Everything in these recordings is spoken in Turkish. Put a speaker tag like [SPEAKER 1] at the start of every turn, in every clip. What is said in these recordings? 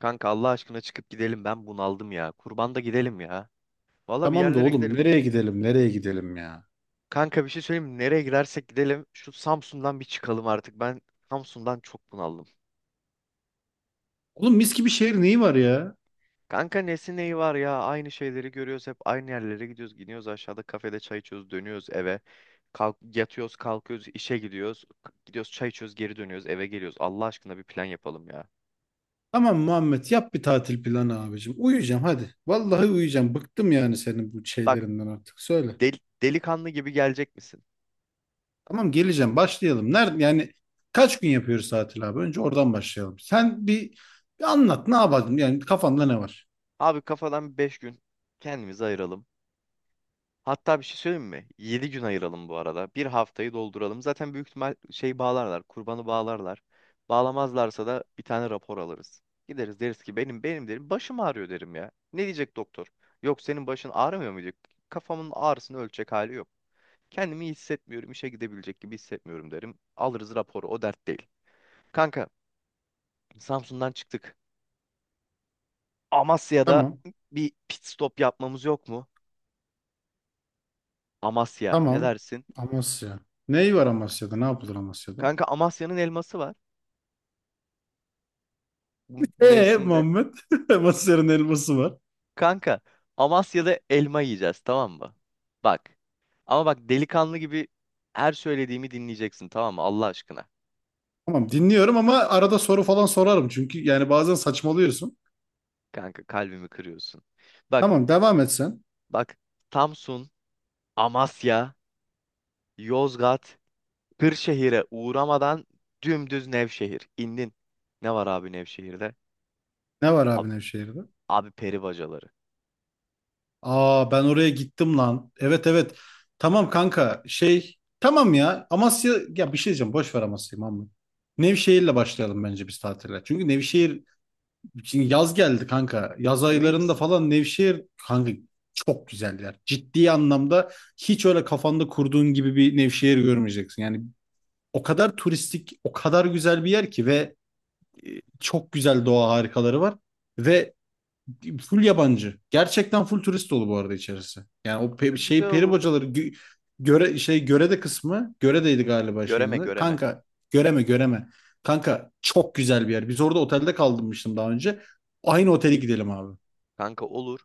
[SPEAKER 1] Kanka Allah aşkına çıkıp gidelim. Ben bunaldım ya. Kurban da gidelim ya. Valla bir
[SPEAKER 2] Tamam da
[SPEAKER 1] yerlere
[SPEAKER 2] oğlum
[SPEAKER 1] gidelim.
[SPEAKER 2] nereye gidelim nereye gidelim ya?
[SPEAKER 1] Kanka bir şey söyleyeyim mi? Nereye gidersek gidelim. Şu Samsun'dan bir çıkalım artık. Ben Samsun'dan çok bunaldım.
[SPEAKER 2] Oğlum mis gibi şehir neyi var ya?
[SPEAKER 1] Kanka nesi neyi var ya? Aynı şeyleri görüyoruz. Hep aynı yerlere gidiyoruz. Gidiyoruz aşağıda kafede çay içiyoruz. Dönüyoruz eve. Kalk, yatıyoruz kalkıyoruz işe gidiyoruz. Gidiyoruz çay içiyoruz geri dönüyoruz eve geliyoruz. Allah aşkına bir plan yapalım ya.
[SPEAKER 2] Tamam Muhammed yap bir tatil planı abicim. Uyuyacağım hadi. Vallahi uyuyacağım. Bıktım yani senin bu
[SPEAKER 1] Bak
[SPEAKER 2] şeylerinden artık. Söyle.
[SPEAKER 1] delikanlı gibi gelecek misin?
[SPEAKER 2] Tamam geleceğim başlayalım. Nerede yani kaç gün yapıyoruz tatil abi? Önce oradan başlayalım. Sen bir anlat ne yapalım? Yani kafanda ne var?
[SPEAKER 1] Abi kafadan 5 gün kendimizi ayıralım. Hatta bir şey söyleyeyim mi? 7 gün ayıralım bu arada. Bir haftayı dolduralım. Zaten büyük ihtimal şey bağlarlar. Kurbanı bağlarlar. Bağlamazlarsa da bir tane rapor alırız. Gideriz deriz ki benim derim başım ağrıyor derim ya. Ne diyecek doktor? Yok senin başın ağrımıyor mu diyor. Kafamın ağrısını ölçecek hali yok. Kendimi iyi hissetmiyorum, işe gidebilecek gibi hissetmiyorum derim. Alırız raporu, o dert değil. Kanka, Samsun'dan çıktık. Amasya'da
[SPEAKER 2] Tamam.
[SPEAKER 1] bir pit stop yapmamız yok mu? Amasya, ne
[SPEAKER 2] Tamam.
[SPEAKER 1] dersin?
[SPEAKER 2] Amasya. Neyi var Amasya'da? Ne yapılır Amasya'da?
[SPEAKER 1] Kanka Amasya'nın elması var, bu mevsimde.
[SPEAKER 2] Muhammed. Amasya'nın elması var.
[SPEAKER 1] Kanka Amasya'da elma yiyeceğiz tamam mı? Bak. Ama bak delikanlı gibi her söylediğimi dinleyeceksin tamam mı? Allah aşkına.
[SPEAKER 2] Tamam dinliyorum ama arada soru falan sorarım. Çünkü yani bazen saçmalıyorsun.
[SPEAKER 1] Kanka kalbimi kırıyorsun. Bak
[SPEAKER 2] Tamam devam et sen.
[SPEAKER 1] bak Samsun, Amasya, Yozgat, Kırşehir'e uğramadan dümdüz Nevşehir. İndin. Ne var abi Nevşehir'de?
[SPEAKER 2] Ne var abi
[SPEAKER 1] Abi,
[SPEAKER 2] Nevşehir'de?
[SPEAKER 1] abi peri bacaları.
[SPEAKER 2] Aa ben oraya gittim lan. Evet, evet. Tamam kanka şey. Tamam ya Amasya ya bir şey diyeceğim, boş ver Amasya'yı Mahmut. Nevşehir'le başlayalım bence biz tatile. Çünkü Nevşehir şimdi yaz geldi kanka. Yaz
[SPEAKER 1] Emin
[SPEAKER 2] aylarında
[SPEAKER 1] misin?
[SPEAKER 2] falan Nevşehir kanka çok güzel yer. Ciddi anlamda hiç öyle kafanda kurduğun gibi bir Nevşehir görmeyeceksin. Yani o kadar turistik, o kadar güzel bir yer ki ve çok güzel doğa harikaları var ve full yabancı. Gerçekten full turist dolu bu arada içerisi. Yani o
[SPEAKER 1] Ya,
[SPEAKER 2] pe şey
[SPEAKER 1] güzel
[SPEAKER 2] peri
[SPEAKER 1] olur.
[SPEAKER 2] bacaları göre şey görede kısmı göredeydi galiba şeyin
[SPEAKER 1] Göreme,
[SPEAKER 2] adı.
[SPEAKER 1] göreme.
[SPEAKER 2] Kanka göreme göreme. Kanka çok güzel bir yer. Biz orada otelde kalmıştım daha önce. Aynı otele gidelim abi.
[SPEAKER 1] Kanka olur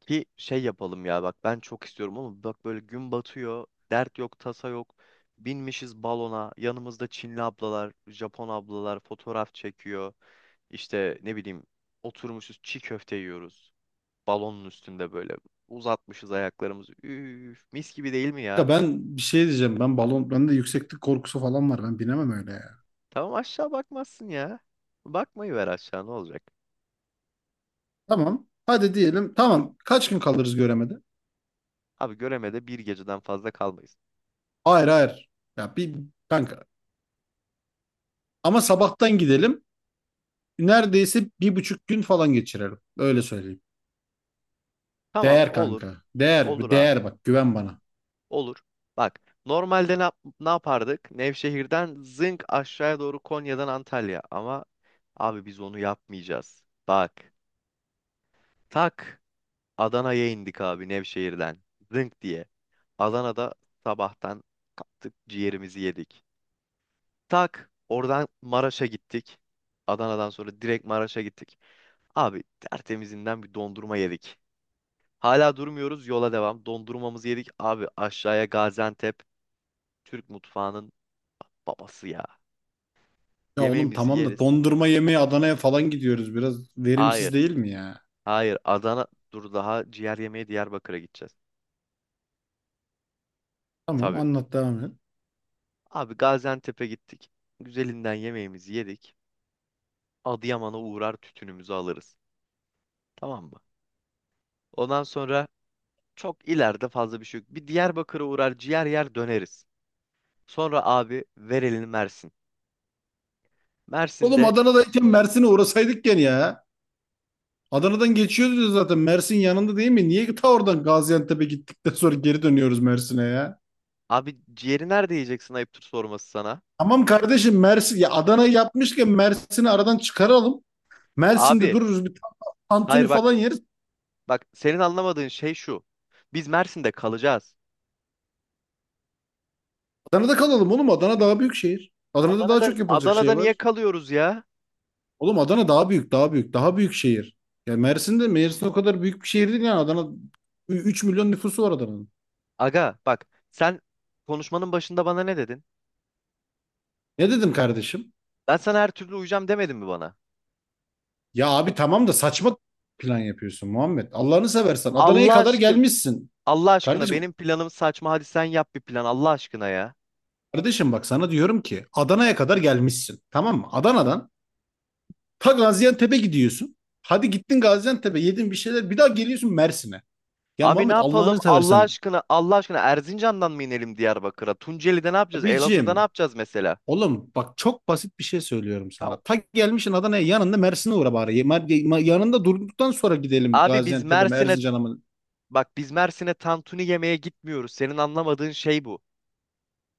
[SPEAKER 1] ki şey yapalım ya, bak ben çok istiyorum ama bak böyle gün batıyor. Dert yok tasa yok. Binmişiz balona. Yanımızda Çinli ablalar, Japon ablalar fotoğraf çekiyor. İşte ne bileyim oturmuşuz çiğ köfte yiyoruz. Balonun üstünde böyle uzatmışız ayaklarımızı. Üf, mis gibi değil mi
[SPEAKER 2] Kanka
[SPEAKER 1] ya?
[SPEAKER 2] ben bir şey diyeceğim. Ben balon bende yükseklik korkusu falan var. Ben binemem öyle ya.
[SPEAKER 1] Tamam aşağı bakmazsın ya. Bakmayı ver aşağı ne olacak?
[SPEAKER 2] Tamam. Hadi diyelim. Tamam. Kaç gün kalırız göremede?
[SPEAKER 1] Abi göremede bir geceden fazla kalmayız.
[SPEAKER 2] Hayır, hayır. Ya bir kanka. Ama sabahtan gidelim neredeyse 1,5 gün falan geçirelim. Öyle söyleyeyim.
[SPEAKER 1] Tamam
[SPEAKER 2] Değer
[SPEAKER 1] olur.
[SPEAKER 2] kanka.
[SPEAKER 1] Olur
[SPEAKER 2] Değer.
[SPEAKER 1] abi.
[SPEAKER 2] Değer, bak güven bana.
[SPEAKER 1] Olur. Bak normalde ne, ne yapardık? Nevşehir'den zınk aşağıya doğru Konya'dan Antalya. Ama abi biz onu yapmayacağız. Bak tak Adana'ya indik abi Nevşehir'den. Zınk diye. Adana'da sabahtan kalktık ciğerimizi yedik. Tak oradan Maraş'a gittik. Adana'dan sonra direkt Maraş'a gittik. Abi tertemizinden bir dondurma yedik. Hala durmuyoruz yola devam. Dondurmamızı yedik. Abi aşağıya Gaziantep Türk mutfağının babası ya.
[SPEAKER 2] Ya oğlum
[SPEAKER 1] Yemeğimizi
[SPEAKER 2] tamam da
[SPEAKER 1] yeriz.
[SPEAKER 2] dondurma yemeye Adana'ya falan gidiyoruz. Biraz verimsiz
[SPEAKER 1] Hayır.
[SPEAKER 2] değil mi ya?
[SPEAKER 1] Hayır. Adana. Dur daha ciğer yemeye Diyarbakır'a gideceğiz. E,
[SPEAKER 2] Tamam,
[SPEAKER 1] tabii.
[SPEAKER 2] anlat, devam et.
[SPEAKER 1] Abi Gaziantep'e gittik. Güzelinden yemeğimizi yedik. Adıyaman'a uğrar tütünümüzü alırız. Tamam mı? Ondan sonra çok ileride fazla bir şey yok. Bir Diyarbakır'a uğrar ciğer yer döneriz. Sonra abi ver elini Mersin.
[SPEAKER 2] Oğlum
[SPEAKER 1] Mersin'de,
[SPEAKER 2] Adana'dayken Mersin'e uğrasaydık gene ya. Adana'dan geçiyoruz zaten. Mersin yanında değil mi? Niye ta oradan Gaziantep'e gittikten sonra geri dönüyoruz Mersin'e ya?
[SPEAKER 1] abi ciğeri nerede yiyeceksin ayıptır sorması sana.
[SPEAKER 2] Tamam kardeşim Mersin ya, Adana'yı yapmışken Mersin'i aradan çıkaralım. Mersin'de
[SPEAKER 1] Abi
[SPEAKER 2] dururuz bir tantuni
[SPEAKER 1] hayır, bak
[SPEAKER 2] falan yeriz.
[SPEAKER 1] bak senin anlamadığın şey şu. Biz Mersin'de kalacağız.
[SPEAKER 2] Adana'da kalalım oğlum. Adana daha büyük şehir. Adana'da daha
[SPEAKER 1] Adana'da
[SPEAKER 2] çok yapılacak
[SPEAKER 1] Adana'da
[SPEAKER 2] şey
[SPEAKER 1] niye
[SPEAKER 2] var.
[SPEAKER 1] kalıyoruz ya?
[SPEAKER 2] Oğlum Adana daha büyük, daha büyük, daha büyük şehir. Ya Mersin'de Mersin o kadar büyük bir şehir değil yani, Adana 3 milyon nüfusu var Adana'nın.
[SPEAKER 1] Aga bak, sen konuşmanın başında bana ne dedin?
[SPEAKER 2] Ne dedim kardeşim?
[SPEAKER 1] Ben sana her türlü uyacağım demedin mi bana?
[SPEAKER 2] Ya abi tamam da saçma plan yapıyorsun Muhammed. Allah'ını seversen Adana'ya
[SPEAKER 1] Allah
[SPEAKER 2] kadar
[SPEAKER 1] aşkın
[SPEAKER 2] gelmişsin.
[SPEAKER 1] Allah aşkına
[SPEAKER 2] Kardeşim,
[SPEAKER 1] benim planım saçma, hadi sen yap bir plan Allah aşkına ya.
[SPEAKER 2] kardeşim bak sana diyorum ki Adana'ya kadar gelmişsin. Tamam mı? Adana'dan ta Gaziantep'e gidiyorsun. Hadi gittin Gaziantep'e yedin bir şeyler, bir daha geliyorsun Mersin'e. Ya
[SPEAKER 1] Abi ne
[SPEAKER 2] Muhammed
[SPEAKER 1] yapalım
[SPEAKER 2] Allah'ını
[SPEAKER 1] Allah
[SPEAKER 2] seversen.
[SPEAKER 1] aşkına Allah aşkına Erzincan'dan mı inelim Diyarbakır'a? Tunceli'de ne yapacağız? Elazığ'da ne
[SPEAKER 2] Abicim.
[SPEAKER 1] yapacağız mesela?
[SPEAKER 2] Oğlum bak çok basit bir şey söylüyorum
[SPEAKER 1] Ya,
[SPEAKER 2] sana. Ta gelmişsin Adana'ya, yanında Mersin'e uğra bari. Yanında durduktan sonra gidelim
[SPEAKER 1] abi biz
[SPEAKER 2] Gaziantep'e mi
[SPEAKER 1] Mersin'e
[SPEAKER 2] Erzincan'a mı?
[SPEAKER 1] bak biz Mersin'e tantuni yemeye gitmiyoruz. Senin anlamadığın şey bu.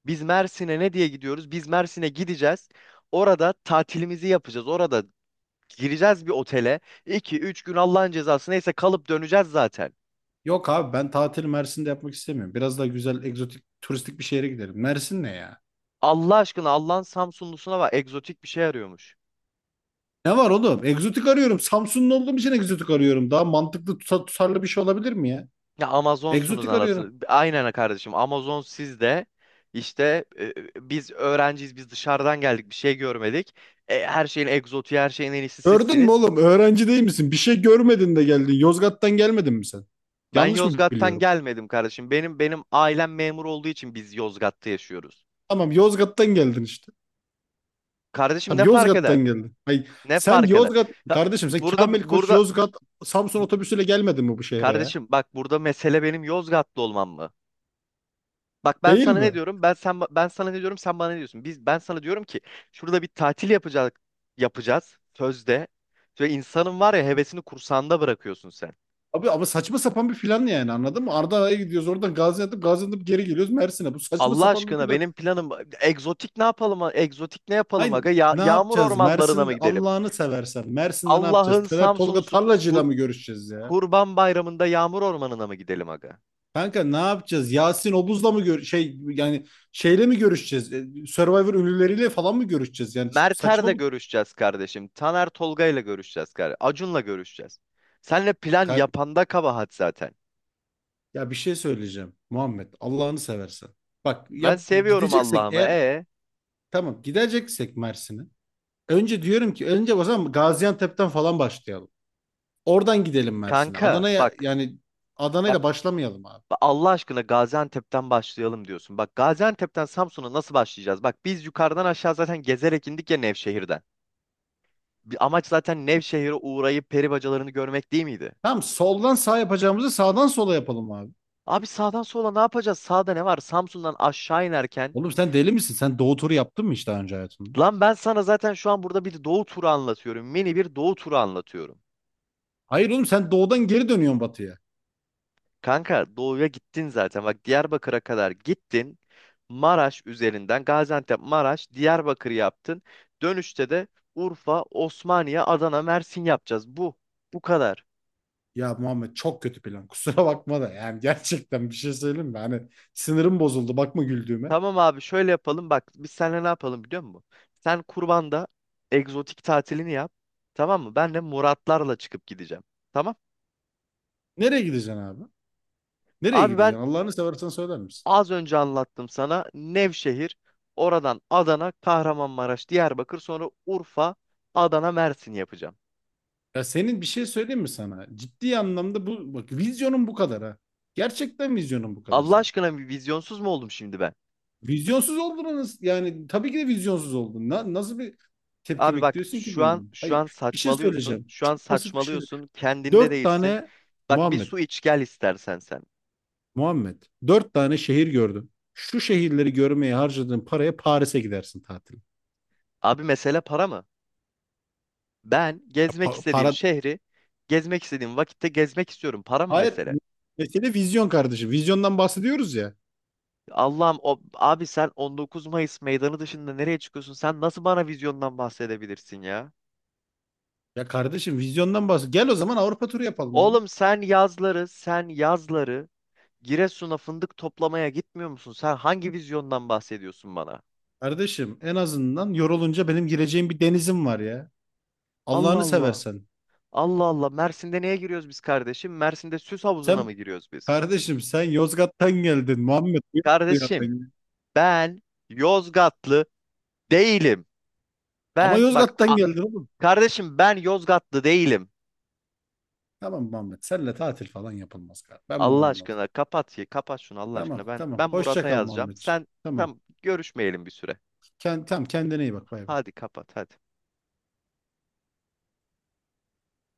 [SPEAKER 1] Biz Mersin'e ne diye gidiyoruz? Biz Mersin'e gideceğiz. Orada tatilimizi yapacağız. Orada gireceğiz bir otele. İki üç gün Allah'ın cezası neyse kalıp döneceğiz zaten.
[SPEAKER 2] Yok abi, ben tatili Mersin'de yapmak istemiyorum. Biraz daha güzel egzotik turistik bir şehre gidelim. Mersin ne ya?
[SPEAKER 1] Allah aşkına, Allah'ın Samsunlusuna var. Egzotik bir şey arıyormuş.
[SPEAKER 2] Ne var oğlum? Egzotik arıyorum. Samsunlu olduğum için egzotik arıyorum. Daha mantıklı tutarlı bir şey olabilir mi ya?
[SPEAKER 1] Ya Amazonsunuz
[SPEAKER 2] Egzotik arıyorum.
[SPEAKER 1] anasını. Aynen kardeşim, Amazon siz de. İşte biz öğrenciyiz, biz dışarıdan geldik bir şey görmedik. E, her şeyin egzotiği, her şeyin en iyisi
[SPEAKER 2] Gördün mü
[SPEAKER 1] sizsiniz.
[SPEAKER 2] oğlum? Öğrenci değil misin? Bir şey görmedin de geldin. Yozgat'tan gelmedin mi sen?
[SPEAKER 1] Ben
[SPEAKER 2] Yanlış mı
[SPEAKER 1] Yozgat'tan
[SPEAKER 2] biliyorum?
[SPEAKER 1] gelmedim kardeşim. Benim ailem memur olduğu için biz Yozgat'ta yaşıyoruz.
[SPEAKER 2] Tamam Yozgat'tan geldin işte.
[SPEAKER 1] Kardeşim
[SPEAKER 2] Abi
[SPEAKER 1] ne fark
[SPEAKER 2] Yozgat'tan
[SPEAKER 1] eder?
[SPEAKER 2] geldin. Ay,
[SPEAKER 1] Ne
[SPEAKER 2] sen
[SPEAKER 1] fark eder?
[SPEAKER 2] Yozgat
[SPEAKER 1] Ya,
[SPEAKER 2] kardeşim, sen Kamil
[SPEAKER 1] burada
[SPEAKER 2] Koç
[SPEAKER 1] burada
[SPEAKER 2] Yozgat Samsun
[SPEAKER 1] bu-
[SPEAKER 2] otobüsüyle gelmedin mi bu şehre ya?
[SPEAKER 1] kardeşim bak, burada mesele benim Yozgatlı olmam mı? Bak ben
[SPEAKER 2] Değil
[SPEAKER 1] sana ne
[SPEAKER 2] mi?
[SPEAKER 1] diyorum? Ben sana ne diyorum? Sen bana ne diyorsun? Ben sana diyorum ki şurada bir tatil yapacağız sözde. Ve insanın var ya hevesini kursağında bırakıyorsun sen.
[SPEAKER 2] Abi ama saçma sapan bir plan yani, anladın mı? Ardahan'a gidiyoruz oradan Gaziantep geri geliyoruz Mersin'e. Bu saçma
[SPEAKER 1] Allah
[SPEAKER 2] sapan bir
[SPEAKER 1] aşkına
[SPEAKER 2] plan.
[SPEAKER 1] benim planım egzotik, ne yapalım? Egzotik ne yapalım
[SPEAKER 2] Hayır
[SPEAKER 1] aga? Ya,
[SPEAKER 2] ne
[SPEAKER 1] yağmur
[SPEAKER 2] yapacağız?
[SPEAKER 1] ormanlarına mı
[SPEAKER 2] Mersin,
[SPEAKER 1] gidelim?
[SPEAKER 2] Allah'ını seversen Mersin'de ne yapacağız?
[SPEAKER 1] Allah'ın
[SPEAKER 2] Tolga
[SPEAKER 1] Samsunlusu,
[SPEAKER 2] Tarlacı'yla
[SPEAKER 1] kur,
[SPEAKER 2] mı görüşeceğiz ya?
[SPEAKER 1] Kurban Bayramı'nda yağmur ormanına mı gidelim aga?
[SPEAKER 2] Kanka ne yapacağız? Yasin Obuz'la mı gör şey yani şeyle mi görüşeceğiz? Survivor ünlüleriyle falan mı görüşeceğiz? Yani saçma
[SPEAKER 1] Mert'erle görüşeceğiz kardeşim. Taner Tolga'yla görüşeceğiz kardeşim. Acun'la görüşeceğiz. Senle plan
[SPEAKER 2] bir.
[SPEAKER 1] yapanda kabahat zaten.
[SPEAKER 2] Ya bir şey söyleyeceğim Muhammed, Allah'ını seversen. Bak
[SPEAKER 1] Ben
[SPEAKER 2] ya bir
[SPEAKER 1] seviyorum
[SPEAKER 2] gideceksek
[SPEAKER 1] Allah'ımı.
[SPEAKER 2] eğer,
[SPEAKER 1] E
[SPEAKER 2] tamam gideceksek Mersin'e. Önce diyorum ki önce o zaman Gaziantep'ten falan başlayalım. Oradan gidelim Mersin'e.
[SPEAKER 1] kanka
[SPEAKER 2] Adana'ya
[SPEAKER 1] bak.
[SPEAKER 2] yani
[SPEAKER 1] Bak
[SPEAKER 2] Adana'yla başlamayalım abi.
[SPEAKER 1] bak Allah aşkına Gaziantep'ten başlayalım diyorsun. Bak Gaziantep'ten Samsun'a nasıl başlayacağız? Bak biz yukarıdan aşağı zaten gezerek indik ya Nevşehir'den. Bir amaç zaten Nevşehir'e uğrayıp peri bacalarını görmek değil miydi?
[SPEAKER 2] Tamam, soldan sağ yapacağımızı sağdan sola yapalım abi.
[SPEAKER 1] Abi sağdan sola ne yapacağız? Sağda ne var? Samsun'dan aşağı inerken
[SPEAKER 2] Oğlum sen deli misin? Sen doğu turu yaptın mı hiç daha önce hayatında?
[SPEAKER 1] lan ben sana zaten şu an burada bir doğu turu anlatıyorum. Mini bir doğu turu anlatıyorum.
[SPEAKER 2] Hayır oğlum, sen doğudan geri dönüyorsun batıya.
[SPEAKER 1] Kanka doğuya gittin zaten. Bak Diyarbakır'a kadar gittin. Maraş üzerinden Gaziantep, Maraş, Diyarbakır yaptın. Dönüşte de Urfa, Osmaniye, Adana, Mersin yapacağız. Bu. Bu kadar.
[SPEAKER 2] Ya Muhammed çok kötü plan. Kusura bakma da yani gerçekten bir şey söyleyeyim mi? Hani sinirim bozuldu bakma güldüğüme.
[SPEAKER 1] Tamam abi şöyle yapalım. Bak biz seninle ne yapalım biliyor musun? Sen kurbanda egzotik tatilini yap. Tamam mı? Ben de Muratlarla çıkıp gideceğim. Tamam.
[SPEAKER 2] Nereye gideceksin abi? Nereye
[SPEAKER 1] Abi
[SPEAKER 2] gideceksin?
[SPEAKER 1] ben
[SPEAKER 2] Allah'ını seversen söyler misin?
[SPEAKER 1] az önce anlattım sana Nevşehir, oradan Adana, Kahramanmaraş, Diyarbakır, sonra Urfa, Adana, Mersin yapacağım.
[SPEAKER 2] Ya senin bir şey söyleyeyim mi sana? Ciddi anlamda bu bak, vizyonun bu kadar ha. Gerçekten vizyonun bu kadar
[SPEAKER 1] Allah
[SPEAKER 2] senin.
[SPEAKER 1] aşkına, bir vizyonsuz mu oldum şimdi ben?
[SPEAKER 2] Vizyonsuz oldunuz yani, tabii ki de vizyonsuz oldun. Nasıl bir tepki
[SPEAKER 1] Abi bak,
[SPEAKER 2] bekliyorsun ki
[SPEAKER 1] şu an
[SPEAKER 2] benim?
[SPEAKER 1] şu an
[SPEAKER 2] Hayır, bir şey
[SPEAKER 1] saçmalıyorsun.
[SPEAKER 2] söyleyeceğim.
[SPEAKER 1] Şu an
[SPEAKER 2] Çok basit bir şey.
[SPEAKER 1] saçmalıyorsun. Kendinde
[SPEAKER 2] Dört
[SPEAKER 1] değilsin.
[SPEAKER 2] tane
[SPEAKER 1] Bak bir
[SPEAKER 2] Muhammed,
[SPEAKER 1] su iç gel istersen sen.
[SPEAKER 2] Muhammed. Dört tane şehir gördüm. Şu şehirleri görmeye harcadığın paraya Paris'e gidersin tatil.
[SPEAKER 1] Abi mesele para mı? Ben gezmek istediğim
[SPEAKER 2] Para.
[SPEAKER 1] şehri gezmek istediğim vakitte gezmek istiyorum. Para mı
[SPEAKER 2] Hayır.
[SPEAKER 1] mesele?
[SPEAKER 2] Mesele vizyon kardeşim. Vizyondan bahsediyoruz ya.
[SPEAKER 1] Allah'ım, o abi sen 19 Mayıs Meydanı dışında nereye çıkıyorsun? Sen nasıl bana vizyondan bahsedebilirsin ya?
[SPEAKER 2] Ya kardeşim vizyondan Gel o zaman Avrupa turu yapalım oğlum.
[SPEAKER 1] Oğlum sen yazları Giresun'a fındık toplamaya gitmiyor musun? Sen hangi vizyondan bahsediyorsun bana?
[SPEAKER 2] Kardeşim en azından yorulunca benim gireceğim bir denizim var ya.
[SPEAKER 1] Allah
[SPEAKER 2] Allah'ını
[SPEAKER 1] Allah.
[SPEAKER 2] seversen.
[SPEAKER 1] Allah Allah. Mersin'de neye giriyoruz biz kardeşim? Mersin'de süs havuzuna mı
[SPEAKER 2] Sen
[SPEAKER 1] giriyoruz biz?
[SPEAKER 2] kardeşim, sen Yozgat'tan geldin Muhammed. Ne
[SPEAKER 1] Kardeşim
[SPEAKER 2] yapıyorsun ya?
[SPEAKER 1] ben Yozgatlı değilim.
[SPEAKER 2] Ama
[SPEAKER 1] Ben bak
[SPEAKER 2] Yozgat'tan
[SPEAKER 1] a-
[SPEAKER 2] geldin oğlum.
[SPEAKER 1] kardeşim ben Yozgatlı değilim.
[SPEAKER 2] Tamam Muhammed, senle tatil falan yapılmaz kardeşim. Ben bunu
[SPEAKER 1] Allah
[SPEAKER 2] anladım.
[SPEAKER 1] aşkına kapat ya, kapat şunu Allah aşkına.
[SPEAKER 2] Tamam,
[SPEAKER 1] Ben
[SPEAKER 2] tamam.
[SPEAKER 1] ben
[SPEAKER 2] Hoşça
[SPEAKER 1] Murat'a
[SPEAKER 2] kal
[SPEAKER 1] yazacağım.
[SPEAKER 2] Muhammedciğim.
[SPEAKER 1] Sen
[SPEAKER 2] Tamam.
[SPEAKER 1] tam görüşmeyelim bir süre.
[SPEAKER 2] Tamam kendine iyi bak, bay bay.
[SPEAKER 1] Hadi kapat hadi.